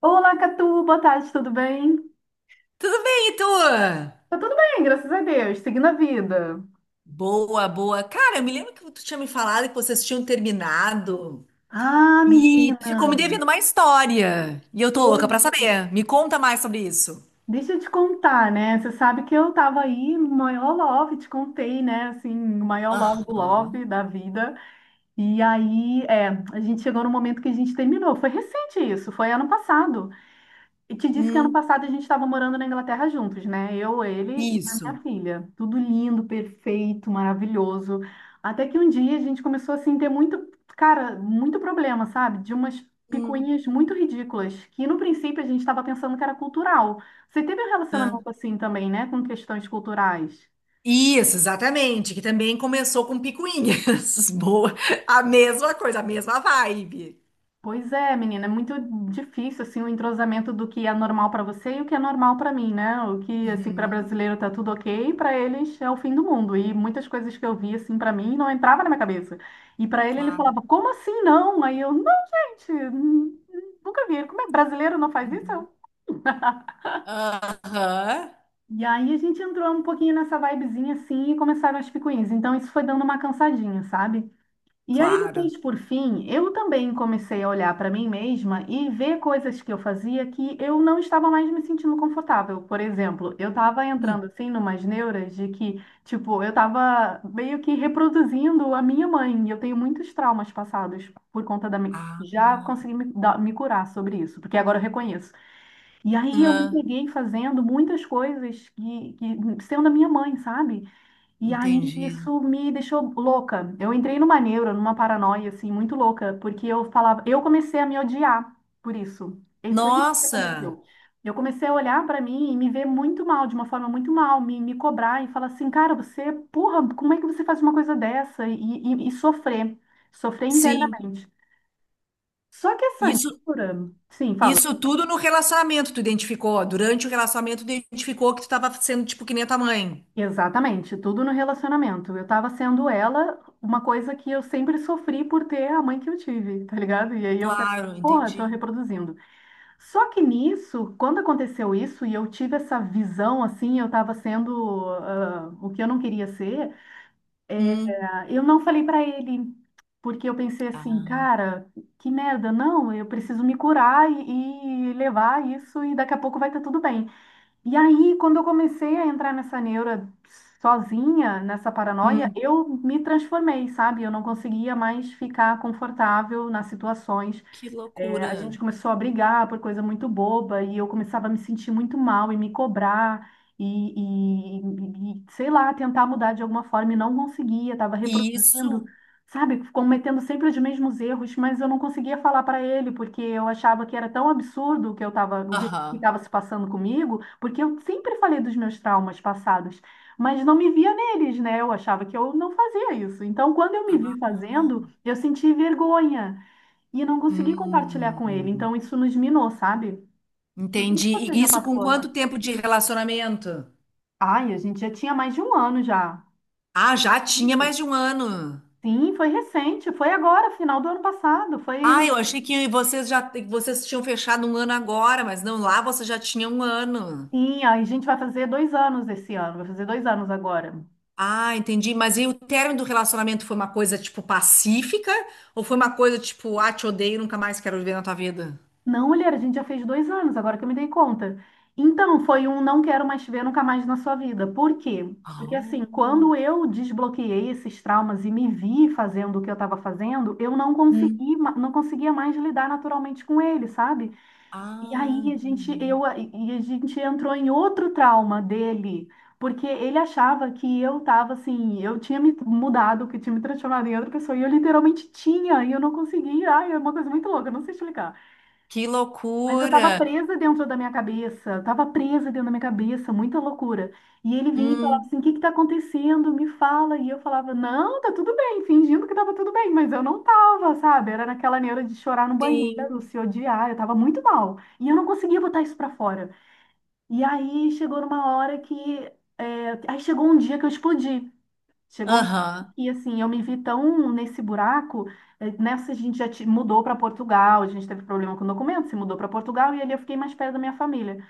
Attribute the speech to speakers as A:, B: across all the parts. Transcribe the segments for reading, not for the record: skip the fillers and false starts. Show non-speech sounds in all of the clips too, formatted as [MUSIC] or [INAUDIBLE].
A: Olá, Catu, boa tarde, tudo bem?
B: Tudo bem, e tu?
A: Tá tudo bem, graças a Deus, seguindo a vida.
B: Boa, boa. Cara, eu me lembro que tu tinha me falado que vocês tinham terminado
A: Ah,
B: e
A: menina,
B: tu ficou me devendo uma história. E eu tô louca
A: oi.
B: pra saber. Me conta mais sobre isso.
A: Deixa eu te contar, né? Você sabe que eu tava aí no maior love, te contei, né? Assim, o maior love do
B: Aham.
A: love da vida. E aí, é, a gente chegou no momento que a gente terminou. Foi recente isso, foi ano passado. E te disse que ano
B: Hum,
A: passado a gente estava morando na Inglaterra juntos, né? Eu, ele e a
B: isso.
A: minha filha. Tudo lindo, perfeito, maravilhoso. Até que um dia a gente começou assim, ter muito, cara, muito problema, sabe? De umas
B: Hum,
A: picuinhas muito ridículas, que no princípio a gente estava pensando que era cultural. Você teve um
B: ah.
A: relacionamento assim também, né? Com questões culturais.
B: Isso, exatamente. Que também começou com picuinhas. [LAUGHS] Boa. A mesma coisa, a mesma vibe.
A: Pois é, menina, é muito difícil assim o entrosamento do que é normal para você e o que é normal para mim, né? O que assim para
B: Uhum,
A: brasileiro tá tudo OK, para eles é o fim do mundo. E muitas coisas que eu vi assim para mim não entrava na minha cabeça. E para ele ele falava:
B: claro.
A: "Como assim não?" Aí eu: "Não, gente, nunca vi. Como é brasileiro não faz isso?"
B: Uhum. Aham,
A: E aí a gente entrou um pouquinho nessa vibezinha assim e começaram as picuinhas. Então isso foi dando uma cansadinha, sabe? E aí
B: claro.
A: depois, por fim, eu também comecei a olhar para mim mesma e ver coisas que eu fazia que eu não estava mais me sentindo confortável. Por exemplo, eu estava
B: Hum,
A: entrando assim numas neuras de que, tipo, eu estava meio que reproduzindo a minha mãe. E eu tenho muitos traumas passados por conta da minha...
B: ah,
A: Já consegui me, me curar sobre isso, porque agora eu reconheço. E aí eu me
B: ah,
A: peguei fazendo muitas coisas que sendo a minha mãe, sabe? E aí
B: entendi.
A: isso me deixou louca. Eu entrei numa neura, numa paranoia assim muito louca, porque eu falava, eu comecei a me odiar por isso. E foi isso que
B: Nossa,
A: aconteceu. Eu comecei a olhar pra mim e me ver muito mal, de uma forma muito mal, me cobrar e falar assim, cara, você, porra, como é que você faz uma coisa dessa? E sofrer, sofrer
B: sim.
A: internamente. Só que essa
B: Isso,
A: neura, sim, fala.
B: isso tudo no relacionamento tu identificou. Durante o relacionamento tu identificou que tu tava sendo tipo que nem a tua mãe.
A: Exatamente, tudo no relacionamento. Eu tava sendo ela, uma coisa que eu sempre sofri por ter a mãe que eu tive, tá ligado? E aí eu falei,
B: Claro,
A: porra, tô
B: entendi.
A: reproduzindo. Só que nisso, quando aconteceu isso e eu tive essa visão assim, eu tava sendo o que eu não queria ser,
B: Hum.
A: ah, eu não falei pra ele, porque eu pensei assim,
B: Ah.
A: cara, que merda, não, eu preciso me curar e levar isso e daqui a pouco vai estar tudo bem. E aí, quando eu comecei a entrar nessa neura sozinha, nessa paranoia,
B: Hum.
A: eu me transformei, sabe? Eu não conseguia mais ficar confortável nas situações.
B: Que
A: É, a
B: loucura.
A: gente começou a brigar por coisa muito boba e eu começava a me sentir muito mal e me cobrar e, e, sei lá, tentar mudar de alguma forma e não conseguia, estava reproduzindo,
B: Isso.
A: sabe, cometendo sempre os mesmos erros, mas eu não conseguia falar para ele porque eu achava que era tão absurdo o que eu estava, o que
B: Aham.
A: estava se passando comigo, porque eu sempre falei dos meus traumas passados, mas não me via neles, né? Eu achava que eu não fazia isso. Então, quando eu me vi
B: Ah.
A: fazendo, eu senti vergonha. E eu não consegui compartilhar com ele,
B: Hum.
A: então isso nos minou, sabe? Não sei se
B: Entendi.
A: você
B: E
A: já
B: isso com
A: passou
B: quanto
A: assim.
B: tempo de relacionamento?
A: Ai, a gente já tinha mais de 1 ano já.
B: Ah, já tinha mais de um ano.
A: Sim, foi recente, foi agora, final do ano passado. Foi.
B: Ah, eu achei que vocês tinham fechado um ano agora, mas não, lá você já tinha um ano.
A: Sim, aí a gente vai fazer 2 anos esse ano, vai fazer 2 anos agora.
B: Ah, entendi. Mas e o término do relacionamento foi uma coisa, tipo, pacífica? Ou foi uma coisa, tipo, ah, te odeio, nunca mais quero viver na tua vida?
A: Não, mulher, a gente já fez 2 anos, agora que eu me dei conta. Então, foi um não quero mais te ver nunca mais na sua vida. Por quê? Porque assim,
B: Oh.
A: quando eu desbloqueei esses traumas e me vi fazendo o que eu estava fazendo, eu não
B: Hum.
A: consegui, não conseguia mais lidar naturalmente com ele, sabe? E
B: Ah,
A: aí a gente, eu,
B: entendi.
A: e a gente entrou em outro trauma dele, porque ele achava que eu estava assim, eu tinha me mudado, que tinha me transformado em outra pessoa, e eu literalmente tinha, e eu não conseguia. Ai, é uma coisa muito louca, eu não sei explicar.
B: Que
A: Mas eu
B: loucura.
A: tava presa dentro da minha cabeça, eu tava presa dentro da minha cabeça, muita loucura. E ele vinha e falava
B: Hum,
A: assim: o que que tá acontecendo? Me fala. E eu falava: não, tá tudo bem, fingindo que tava tudo bem, mas eu não tava, sabe? Era naquela neura de chorar no
B: sim.
A: banheiro, se odiar, eu tava muito mal. E eu não conseguia botar isso pra fora. E aí chegou numa hora que. Aí chegou um dia que eu explodi. Chegou um
B: Aham.
A: e assim, eu me vi tão nesse buraco, nessa a gente já mudou para Portugal, a gente teve problema com o documento, se mudou para Portugal e ali eu fiquei mais perto da minha família.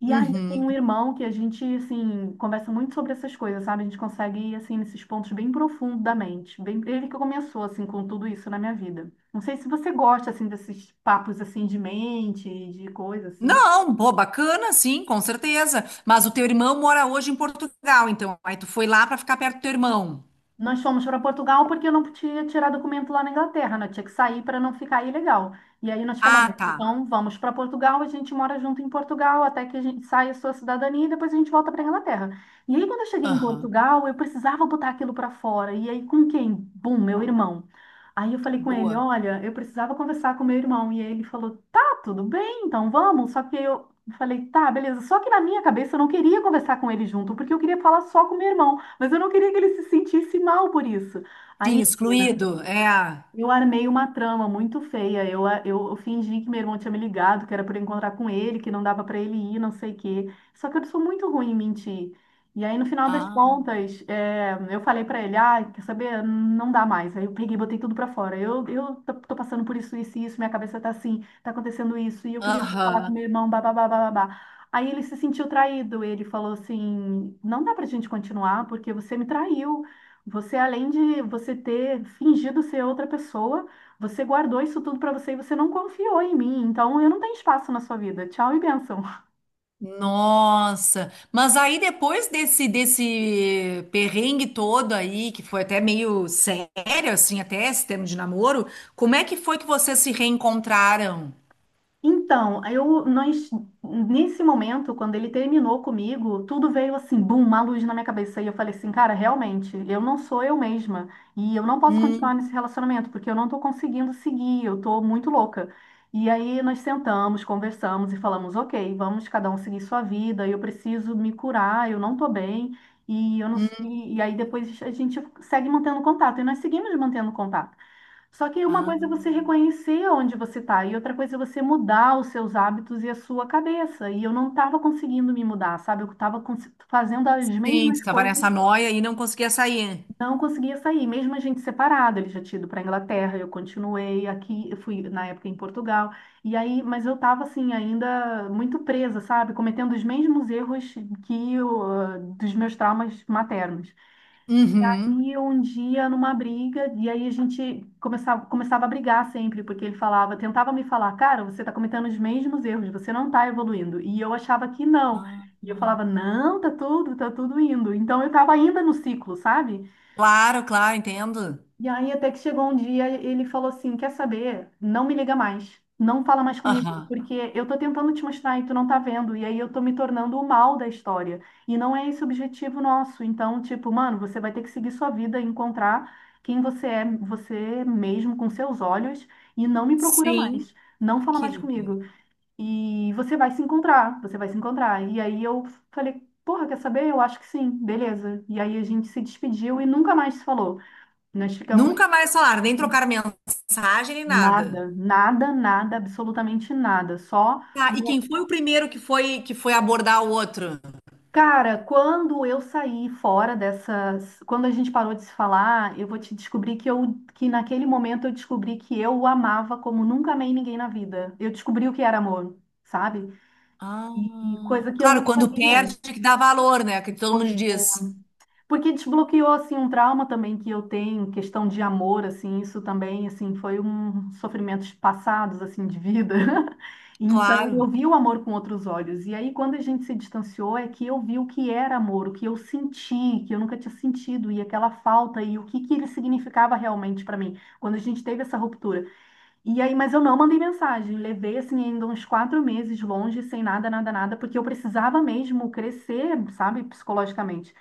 A: E aí eu tenho
B: Uhum.
A: um irmão que a gente assim conversa muito sobre essas coisas, sabe? A gente consegue ir assim nesses pontos bem profundos da mente. Bem, ele que começou assim com tudo isso na minha vida. Não sei se você gosta assim desses papos assim de mente, de coisa assim.
B: Não, pô, bacana, sim, com certeza. Mas o teu irmão mora hoje em Portugal, então. Aí tu foi lá pra ficar perto do teu irmão.
A: Nós fomos para Portugal porque eu não podia tirar documento lá na Inglaterra, né? Eu tinha que sair para não ficar ilegal. E aí nós falamos,
B: Ah, tá.
A: então vamos para Portugal, a gente mora junto em Portugal até que a gente saia a sua cidadania e depois a gente volta para Inglaterra. E aí quando eu cheguei em
B: Aham.
A: Portugal, eu precisava botar aquilo para fora. E aí com quem? Bum, meu irmão. Aí eu falei com ele,
B: Boa.
A: olha, eu precisava conversar com meu irmão. E aí ele falou, tá, tudo bem, então vamos. Só que eu falei, tá, beleza. Só que na minha cabeça eu não queria conversar com ele junto, porque eu queria falar só com meu irmão. Mas eu não queria que ele se sentisse mal por isso. Aí,
B: Sim,
A: menina,
B: excluído. É.
A: eu armei uma trama muito feia. Eu fingi que meu irmão tinha me ligado, que era para encontrar com ele, que não dava para ele ir, não sei o quê. Só que eu sou muito ruim em mentir. E aí, no final das
B: Ah.
A: contas, é, eu falei para ele: ah, quer saber? Não dá mais. Aí eu peguei e botei tudo para fora. Eu tô passando por isso, isso, e isso, minha cabeça tá assim, tá acontecendo isso, e eu queria falar com
B: Aham.
A: meu irmão, babá, babá. Babá. Aí ele se sentiu traído. Ele falou assim: não dá pra gente continuar, porque você me traiu. Você, além de você ter fingido ser outra pessoa, você guardou isso tudo para você e você não confiou em mim. Então, eu não tenho espaço na sua vida. Tchau e bênção.
B: Nossa, mas aí depois desse perrengue todo aí, que foi até meio sério, assim, até esse termo de namoro, como é que foi que vocês se reencontraram?
A: Então, nós, nesse momento, quando ele terminou comigo, tudo veio assim, bum, uma luz na minha cabeça. E eu falei assim, cara, realmente, eu não sou eu mesma. E eu não posso continuar
B: Hum,
A: nesse relacionamento, porque eu não tô conseguindo seguir, eu tô muito louca. E aí nós sentamos, conversamos e falamos, ok, vamos cada um seguir sua vida, eu preciso me curar, eu não tô bem. E, eu não,
B: hum,
A: e aí depois a gente segue mantendo contato. E nós seguimos mantendo contato. Só que uma coisa é
B: ah,
A: você reconhecer onde você está, e outra coisa é você mudar os seus hábitos e a sua cabeça. E eu não estava conseguindo me mudar, sabe? Eu estava fazendo as
B: sim,
A: mesmas
B: tu tava nessa
A: coisas
B: noia e não conseguia sair.
A: não conseguia sair, mesmo a gente separado, ele já tinha ido para Inglaterra, eu continuei aqui, eu fui na época em Portugal. E aí, mas eu estava assim ainda muito presa, sabe, cometendo os mesmos erros que eu, ah, dos meus traumas maternos. E
B: Uhum.
A: aí, um dia, numa briga, e aí a gente começava, começava a brigar sempre, porque ele falava, tentava me falar, cara, você está cometendo os mesmos erros, você não está evoluindo. E eu achava que não.
B: Ah,
A: E eu
B: ah.
A: falava, não, tá tudo indo. Então eu estava ainda no ciclo, sabe?
B: Claro, claro, entendo.
A: E aí até que chegou um dia, ele falou assim: Quer saber? Não me liga mais. Não fala mais comigo,
B: Aham.
A: porque eu tô tentando te mostrar e tu não tá vendo. E aí eu tô me tornando o mal da história. E não é esse o objetivo nosso. Então, tipo, mano, você vai ter que seguir sua vida, e encontrar quem você é, você mesmo, com seus olhos, e não me procura
B: Sim,
A: mais. Não fala
B: que
A: mais
B: loucura.
A: comigo. E você vai se encontrar, você vai se encontrar. E aí eu falei, porra, quer saber? Eu acho que sim, beleza. E aí a gente se despediu e nunca mais se falou. Nós ficamos
B: Nunca mais falaram, nem trocaram mensagem, nem nada.
A: Nada, nada, nada, absolutamente nada. Só,
B: Tá, e
A: no-
B: quem foi o primeiro que foi abordar o outro?
A: cara, quando eu saí fora dessas, quando a gente parou de se falar, eu vou te descobrir que que naquele momento eu descobri que eu o amava como nunca amei ninguém na vida. Eu descobri o que era amor, sabe? E
B: Ah,
A: coisa que eu não
B: claro, quando
A: sabia.
B: perde tem que dá valor, né? Que todo mundo
A: Pois
B: diz.
A: Porque desbloqueou assim um trauma também que eu tenho, questão de amor, assim, isso também assim foi um sofrimentos passados assim de vida. [LAUGHS] Então eu
B: Claro.
A: vi o amor com outros olhos. E aí quando a gente se distanciou é que eu vi o que era amor, o que eu senti, que eu nunca tinha sentido e aquela falta e o que que ele significava realmente para mim. Quando a gente teve essa ruptura, e aí, mas eu não mandei mensagem. Levei assim ainda uns 4 meses longe, sem nada, nada, nada, porque eu precisava mesmo crescer, sabe, psicologicamente.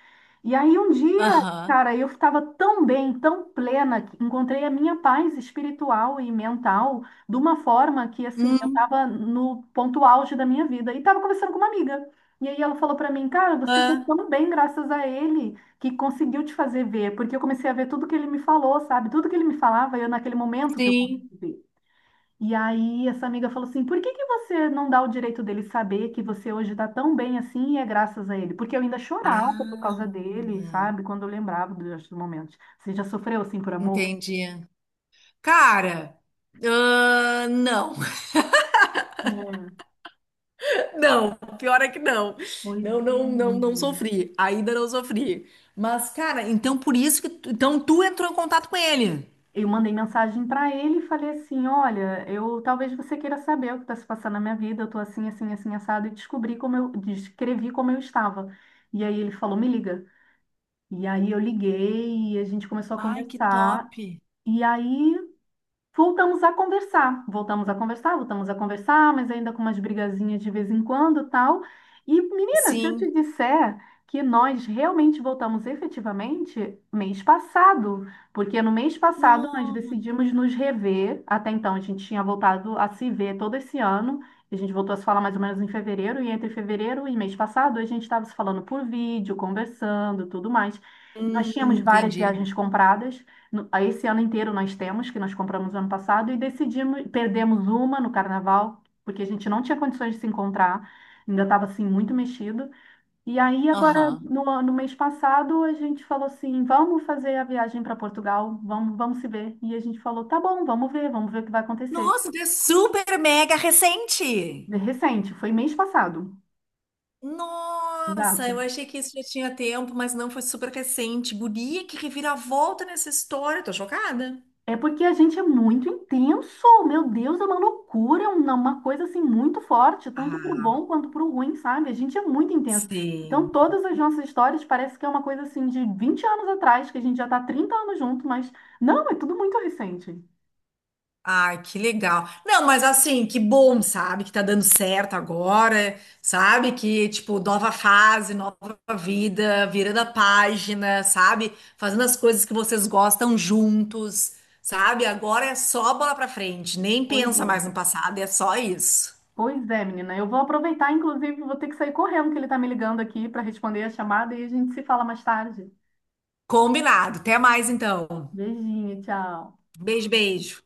A: E aí um dia,
B: Aham.
A: cara, eu estava tão bem, tão plena, que encontrei a minha paz espiritual e mental de uma forma que assim, eu
B: Hum,
A: estava no ponto auge da minha vida e estava conversando com uma amiga. E aí ela falou para mim, cara, você está
B: ah,
A: tão bem graças a ele que conseguiu te fazer ver, porque eu comecei a ver tudo que ele me falou, sabe? Tudo que ele me falava, eu naquele momento que eu
B: sim.
A: consegui ver. E aí essa amiga falou assim: por que que você não dá o direito dele saber que você hoje está tão bem assim e é graças a ele? Porque eu ainda chorava por
B: Ah,
A: causa dele, sabe? Quando eu lembrava dos momentos. Você já sofreu assim por amor?
B: entendi. Cara, ah, não. [LAUGHS]
A: É,
B: Não, pior é que não.
A: pois
B: Não,
A: é,
B: não, não, não
A: menina.
B: sofri. Ainda não sofri. Mas, cara, então por isso então tu entrou em contato com ele.
A: Eu mandei mensagem para ele e falei assim: Olha, eu talvez você queira saber o que está se passando na minha vida. Eu tô assim, assim, assim, assado e descobri como eu descrevi como eu estava. E aí ele falou: Me liga. E aí eu liguei e a gente começou a
B: Ai, que
A: conversar.
B: top.
A: E aí Voltamos a conversar, voltamos a conversar, voltamos a conversar, mas ainda com umas brigazinhas de vez em quando, tal. E, menina, se eu
B: Sim.
A: te disser que nós realmente voltamos efetivamente mês passado, porque no mês passado nós
B: Nossa.
A: decidimos nos rever, até então a gente tinha voltado a se ver todo esse ano, e a gente voltou a se falar mais ou menos em fevereiro, e entre fevereiro e mês passado a gente estava se falando por vídeo, conversando, tudo mais. Nós tínhamos várias
B: Entendi.
A: viagens compradas. No- a Esse ano inteiro nós temos, que nós compramos ano passado, e decidimos, perdemos uma no carnaval, porque a gente não tinha condições de se encontrar, ainda estava assim muito mexido. E aí, agora,
B: Aham.
A: no mês passado, a gente falou assim: vamos fazer a viagem para Portugal, vamos, vamos se ver. E a gente falou: tá bom, vamos ver o que vai acontecer.
B: Nossa, tu é super mega recente!
A: Recente, foi mês passado.
B: Nossa,
A: Exato.
B: eu achei que isso já tinha tempo, mas não foi super recente. Guria, que reviravolta nessa história, tô chocada.
A: É porque a gente é muito intenso, meu Deus, é uma loucura, é uma coisa assim muito forte, tanto pro
B: Ah,
A: bom quanto pro ruim, sabe? A gente é muito intenso.
B: sim.
A: Então, todas as nossas histórias parece que é uma coisa assim de 20 anos atrás, que a gente já tá 30 anos junto, mas não, é tudo muito recente.
B: Ai, que legal. Não, mas assim, que bom, sabe? Que tá dando certo agora, sabe? Que, tipo, nova fase, nova vida, virando a página, sabe? Fazendo as coisas que vocês gostam juntos, sabe? Agora é só bola pra frente, nem
A: Pois
B: pensa mais
A: é.
B: no passado, é só isso.
A: Pois é, menina, eu vou aproveitar, inclusive, vou ter que sair correndo, que ele tá me ligando aqui para responder a chamada e a gente se fala mais tarde.
B: Combinado. Até mais, então.
A: Beijinho, tchau.
B: Beijo, beijo.